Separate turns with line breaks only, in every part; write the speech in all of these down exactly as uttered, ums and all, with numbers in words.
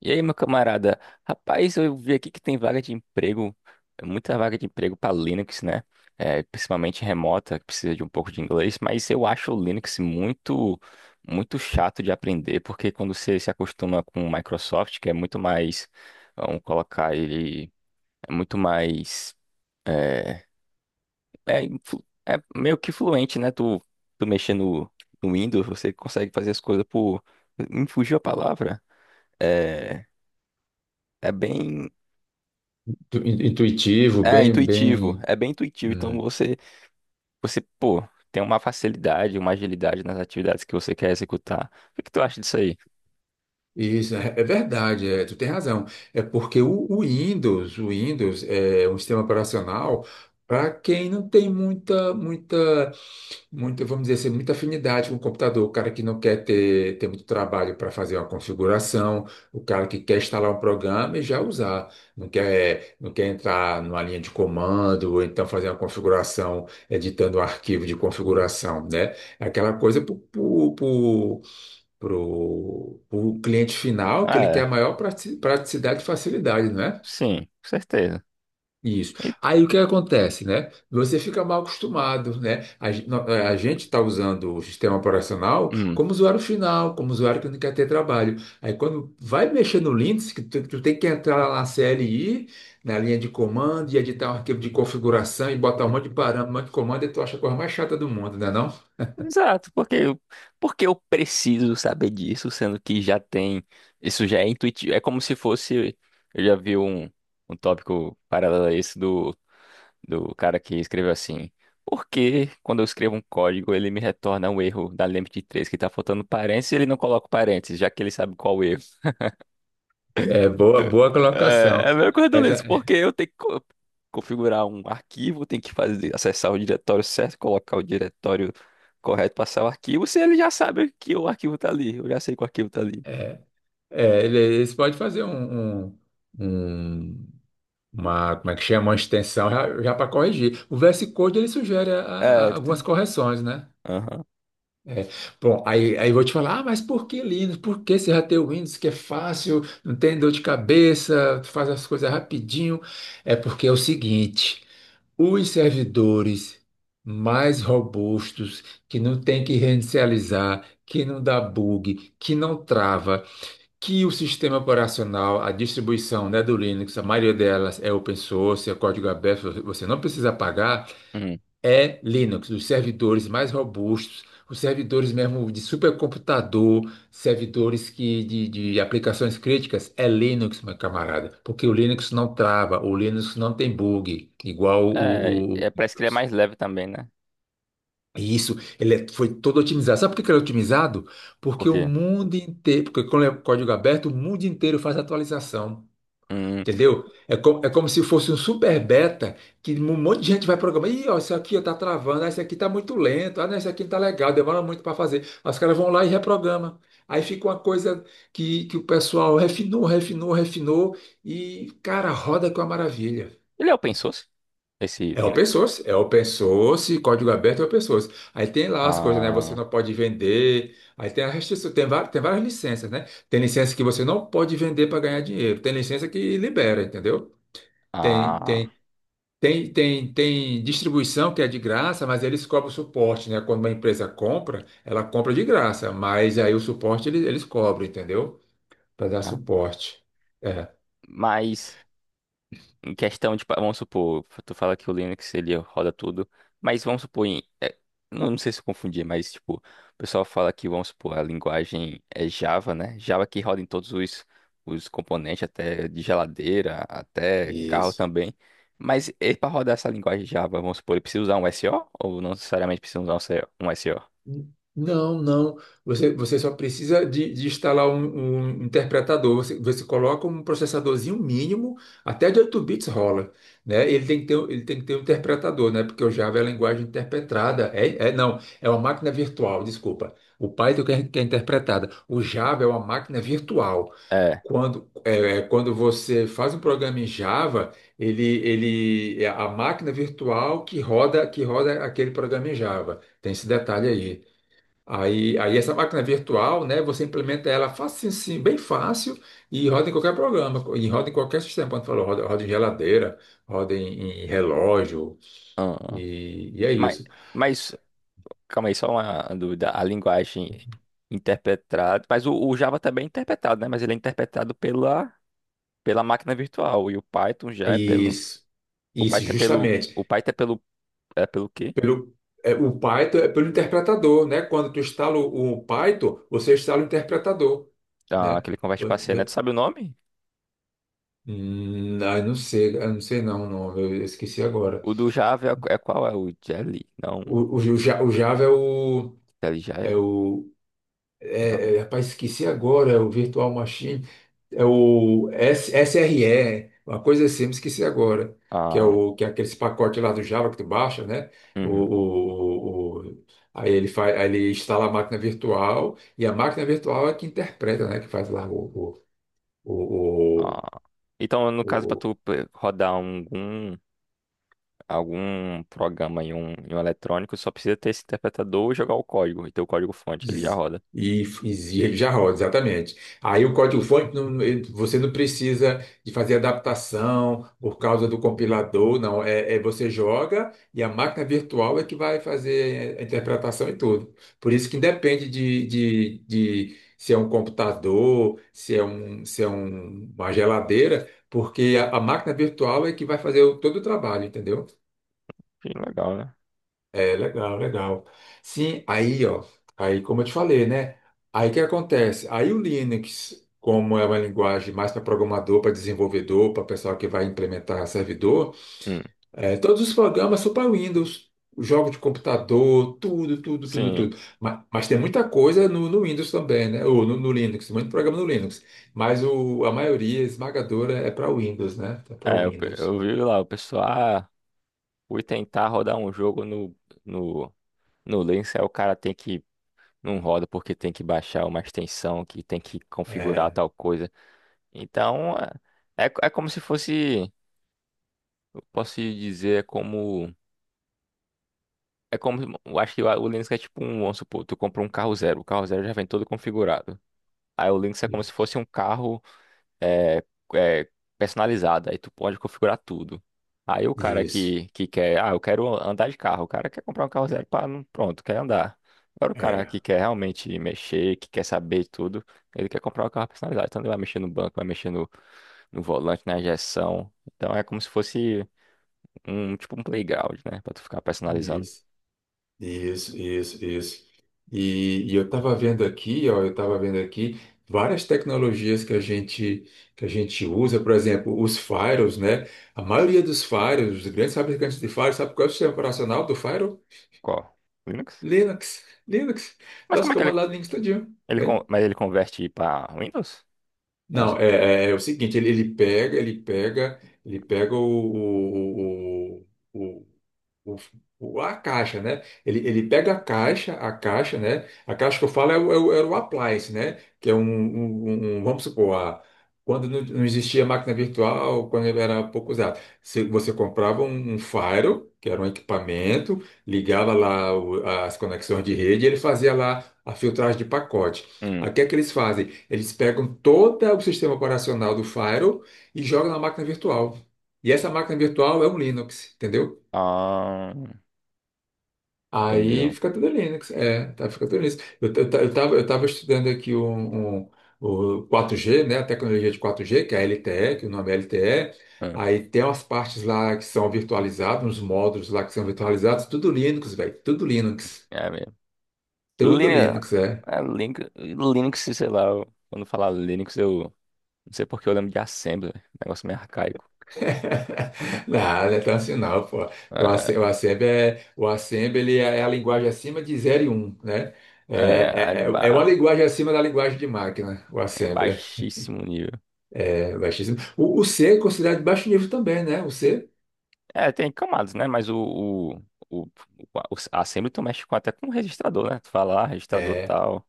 E aí, meu camarada? Rapaz, eu vi aqui que tem vaga de emprego, é muita vaga de emprego para Linux, né? É, principalmente remota, que precisa de um pouco de inglês, mas eu acho o Linux muito, muito chato de aprender, porque quando você se acostuma com o Microsoft, que é muito mais, vamos colocar ele, é muito mais, é, é, influ- é meio que fluente, né? Tu, tu mexer no, no Windows, você consegue fazer as coisas por, me fugiu a palavra. É, é bem.
tu- in- Intuitivo,
É
bem,
intuitivo,
bem.
é bem intuitivo. Então
Hum.
você, você, pô, tem uma facilidade, uma agilidade nas atividades que você quer executar. O que tu acha disso aí?
Isso, é é verdade, é, tu tem razão. É porque o, o Windows, o Windows é é um sistema operacional para quem não tem muita, muita, muita, vamos dizer assim, muita afinidade com o computador, o cara que não quer ter, ter muito trabalho para fazer uma configuração, o cara que quer instalar um programa e já usar, não quer, não quer entrar numa linha de comando, ou então fazer uma configuração, editando um arquivo de configuração, né? É aquela coisa para para o cliente final, que
Ah,
ele quer
é,
a maior prati- praticidade e facilidade, não é?
sim, com certeza.
Isso.
E-
Aí o que acontece, né? Você fica mal acostumado, né? A, gen- no- eh, a gente está usando o sistema operacional
hum,
como usuário final, como usuário que não quer ter trabalho. Aí quando vai mexer no Linux, que tu, tu tem que entrar lá na C L I, na linha de comando, e editar um arquivo de configuração e botar um monte de parâmetro, um monte de comando, e tu acha a coisa mais chata do mundo, né não?
exato, porque eu, porque eu preciso saber disso, sendo que já tem, isso já é intuitivo. É como se fosse, eu já vi um, um tópico paralelo a esse do do cara que escreveu assim: Por que quando eu escrevo um código ele me retorna um erro da lembda de três que tá faltando parênteses e ele não coloca o parênteses, já que ele sabe qual o erro?
É boa, boa
É,
colocação.
é a mesma coisa do
É,
Linux,
já-
porque eu tenho que co- configurar um arquivo, tenho que fazer, acessar o diretório certo, colocar o diretório correto, passar o arquivo, se ele já sabe que o arquivo tá ali, eu já sei que o arquivo tá ali.
É, ele- eles podem fazer um, um- um- uma, como é que chama, uma extensão já, já para corrigir. O V S Code ele sugere a-
É,
a-
ele
algumas
tem-
correções, né?
aham.
É. Bom, aí, aí eu vou te falar, ah, mas por que Linux? Por que você já tem o Windows que é fácil, não tem dor de cabeça, tu faz as coisas rapidinho? É porque é o seguinte, os servidores mais robustos, que não tem que reinicializar, que não dá bug, que não trava, que o sistema operacional, a distribuição, né, do Linux, a maioria delas é open source, é código aberto, você não precisa pagar,
Uhum.
é Linux, os servidores mais robustos, os servidores mesmo de supercomputador, servidores que, de, de aplicações críticas, é Linux, meu camarada, porque o Linux não trava, o Linux não tem bug, igual
É,
o, o- o
é, parece que ele é mais
Windows.
leve também, né?
E isso, ele é- foi todo otimizado. Sabe por que que ele é otimizado? Porque o
Porque
mundo inteiro, porque quando é código aberto, o mundo inteiro faz atualização.
hum,
Entendeu? É, co- é como se fosse um super beta que um monte de gente vai programar. Ih, ó, isso aqui ó, tá travando, ah, isso aqui tá muito lento, ah, não, isso aqui não tá legal, demora muito para fazer. Aí os caras vão lá e reprogramam. Aí fica uma coisa que, que o pessoal refinou, refinou, refinou e, cara, roda com a maravilha.
ele é open source, esse
É open
Linux.
source, é open source, código aberto é open source. Aí tem lá as coisas, né? Você
Ah,
não pode vender. Aí tem a restrição, tem várias, tem várias licenças, né? Tem licença que você não pode vender para ganhar dinheiro. Tem licença que libera, entendeu? Tem,
Ah,
tem, tem, tem, tem distribuição que é de graça, mas eles cobram suporte, né? Quando uma empresa compra, ela compra de graça, mas aí o suporte eles, eles cobram, entendeu? Para dar
tá.
suporte. É,
Mas em questão de, pa- vamos supor, tu fala que o Linux ele roda tudo, mas vamos supor, em, é, não, não sei se eu confundi, mas tipo, o pessoal fala que, vamos supor, a linguagem é Java, né? Java que roda em todos os, os componentes, até de geladeira, até carro
isso.
também. Mas para rodar essa linguagem Java, vamos supor, ele precisa usar um S O ou não necessariamente precisa usar um S O? Um S O?
Não, não. Você, você só precisa de, de instalar um, um interpretador. Você, você coloca um processadorzinho mínimo, até de oito bits rola, né? Ele tem que ter, ele tem que ter um interpretador, né? Porque o Java é a linguagem interpretada. É, é, não, é uma máquina virtual, desculpa. O Python que é, que é interpretada. O Java é uma máquina virtual.
É.
Quando, é, é, quando você faz um programa em Java, ele, ele é a máquina virtual que roda, que roda aquele programa em Java. Tem esse detalhe aí. Aí, aí essa máquina virtual, né, você implementa ela fácil, sim, bem fácil e roda em qualquer programa, e roda em qualquer sistema. Quando falou, roda, roda em geladeira, roda em, em relógio,
Aham.
e, e é
Mas,
isso.
mas Calma aí, só uma dúvida. A linguagem interpretada. Mas o, o Java também é interpretado, né? Mas ele é interpretado pela, pela máquina virtual. E o Python já é
E
pelo.
isso,
O
isso
Python é pelo.
justamente.
O Python é pelo. É pelo quê?
Pelo, é, o Python é pelo interpretador, né? Quando tu instala o, o Python, você instala o interpretador,
Ah,
né?
que ele converte para
Vo-
C, né?
vo-
Tu sabe o nome?
Hum, ah, eu não sei, ah, não sei não, não, eu esqueci agora.
O do Java é, é qual? É o Jelly? Não.
O, o, o Ja- o Java é o,
Jelly
é
Jai?
o
Não.
É, é, rapaz, esqueci agora, é o Virtual Machine, é o S- SRE, uma coisa assim, me esqueci agora, que é,
Ah,
o, que é aqueles pacotes lá do Java que tu baixa, né? O,
uhum.
o- o- o- aí ele faz, aí ele instala a máquina virtual, e a máquina virtual é que interpreta, né? Que faz lá o, o,
Ah. Então,
o,
no caso, para
o,
tu p- rodar algum, algum programa em um, em um eletrônico, só precisa ter esse interpretador e jogar o código. E ter o código fonte, ele já
Diz-
roda.
E, e já roda, exatamente. Aí o código-fonte, não- ele- você não precisa de fazer adaptação por causa do compilador, não. É, é você joga e a máquina virtual é que vai fazer a interpretação e tudo. Por isso que independe de, de, de se é um computador, se é, um, se é um- uma geladeira, porque a, a máquina virtual é que vai fazer o- todo o trabalho, entendeu?
Que legal, né?
É, legal, legal. Sim, aí, ó, aí como eu te falei, né? Aí o que acontece? Aí o Linux, como é uma linguagem mais para programador, para desenvolvedor, para pessoal que vai implementar servidor,
Hum,
é, todos os programas são para Windows, jogos de computador, tudo, tudo, tudo,
sim.
tudo. Mas, mas tem muita coisa no, no Windows também, né? Ou no, no Linux, muito programa no Linux. Mas o, a maioria esmagadora é para Windows, né? É para
É, eu, pe-
Windows.
eu vi lá, o pessoal, ah, fui tentar rodar um jogo no, no, no Linux, aí o cara tem que, não roda porque tem que baixar uma extensão, que tem que configurar
É,
tal coisa. Então, é, é, co- é como se fosse, eu posso dizer, é como, é como, eu acho que o o Linux é tipo um, vamos supor, tu compra um carro zero, o carro zero já vem todo configurado. Aí o Linux é como se
isso.
fosse um carro é, é, personalizada. Aí tu pode configurar tudo. Aí o cara
Isso.
que, que quer, ah, eu quero andar de carro. O cara quer comprar um carro zero para, pronto, quer andar. Agora o cara
É,
que quer realmente mexer, que quer saber tudo, ele quer comprar um carro personalizado. Então ele vai mexer no banco, vai mexer no, no volante, na injeção. Então é como se fosse um tipo um playground, né? Pra tu ficar personalizando.
isso. Isso, isso, isso. E, e eu estava vendo aqui, ó, eu estava vendo aqui várias tecnologias que a gente que a gente usa, por exemplo, os firewalls, né? A maioria dos firewalls, os grandes fabricantes de firewalls, sabe qual é o sistema operacional do firewall?
Qual? Linux?
Linux, Linux,
Mas
dá os
como é que ele,
comandos lá do Linux todinho.
ele,
É.
con- mas ele converte para Windows? Vamos
Não,
supor.
é, é é o seguinte, ele, ele pega, ele pega, ele pega o, o, o, o- o- a caixa, né? Ele, ele pega a caixa, a caixa, né? A caixa que eu falo é o, é o, é o appliance, né? Que é um, um- um- um, vamos supor, a- quando não, não existia máquina virtual, quando ele era pouco usado, se você comprava um, um Firewall, que era um equipamento, ligava lá o- as conexões de rede, e ele fazia lá a filtragem de pacote.
Hum.
Aí o que é que eles fazem? Eles pegam todo o sistema operacional do Firewall e jogam na máquina virtual. E essa máquina virtual é um Linux, entendeu?
Ah,
Aí
entendeu.
fica tudo Linux. É, tá, fica tudo Linux. Eu, eu, ta- eu, tava, eu tava estudando aqui um, um- o quatro G, né? A tecnologia de quatro G, que é a L T E, que o nome é L T E.
Hum.
Aí tem umas partes lá que são virtualizadas, uns módulos lá que são virtualizados, tudo Linux, velho. Tudo Linux.
É mesmo.
Tudo
Linux,
Linux, é.
é, Linux, Linux, sei lá, eu- quando falar Linux, eu não sei porque eu lembro de Assembly, negócio meio arcaico.
Não, não é tão assim não, pô. Porque O Assem- o
É,
Assembly é, o Assembly ele é é a linguagem acima de zero e um, né? É,
é, é,
é, é é
ba-
uma linguagem acima da linguagem de máquina, o
é
Assembly.
baixíssimo nível.
É baixíssimo. O, o C é considerado de baixo nível também, né? O C.
É, tem camadas, né? Mas o, o, o, o- a- o- a Assembly tu mexe com, até com o registrador, né? Tu fala, ah, registrador
É,
tal.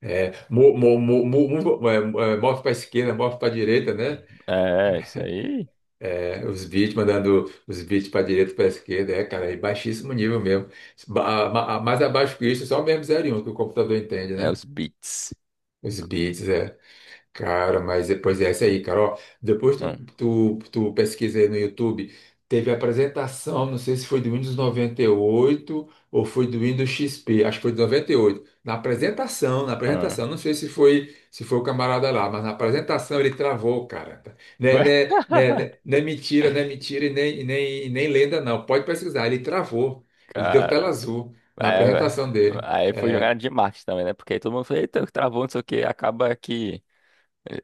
é, mo, mo, mo, mo, mo- é, é, move para esquerda, move para direita, né?
É, isso aí
É, os bits mandando os bits para direita, para esquerda, é, cara, é baixíssimo nível mesmo. Ba- ma- Mais abaixo que isso, só mesmo zero e um que o computador entende,
é
né?
os bits.
Os bits, é. Cara, mas depois é essa aí, cara. Ó, depois tu,
Hum,
tu, tu pesquisa aí no YouTube, teve a apresentação, não sei se foi do Windows noventa e oito ou foi do Windows X P, acho que foi do noventa e oito. Na apresentação, na
hum.
apresentação, não sei se foi se foi o camarada lá, mas na apresentação ele travou, cara. Né, né, né, né, não é mentira, não é mentira e nem, e nem, e nem lenda, não. Pode pesquisar, ele travou. Ele deu tela
Cara,
azul na
é,
apresentação dele.
aí foi
É.
jogada de marketing também, né? Porque aí todo mundo fala, eita, travou, não sei o que, acaba que.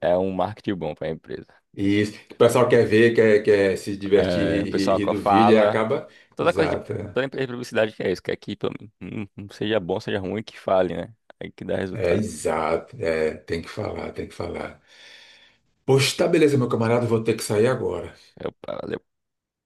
É um marketing bom para a empresa.
Isso. O pessoal quer ver, quer, quer se divertir,
É, o
rir, rir-
pessoal
rir
que
do vídeo, e
fala.
acaba.
Toda coisa de.
Exato.
Toda empresa de publicidade que é isso, quer que pelo menos, hum, hum, seja bom, seja ruim, que fale, né? Aí que dá
É,
resultado.
exato. É, tem que falar, tem que falar. Poxa, tá beleza, meu camarada, vou ter que sair agora.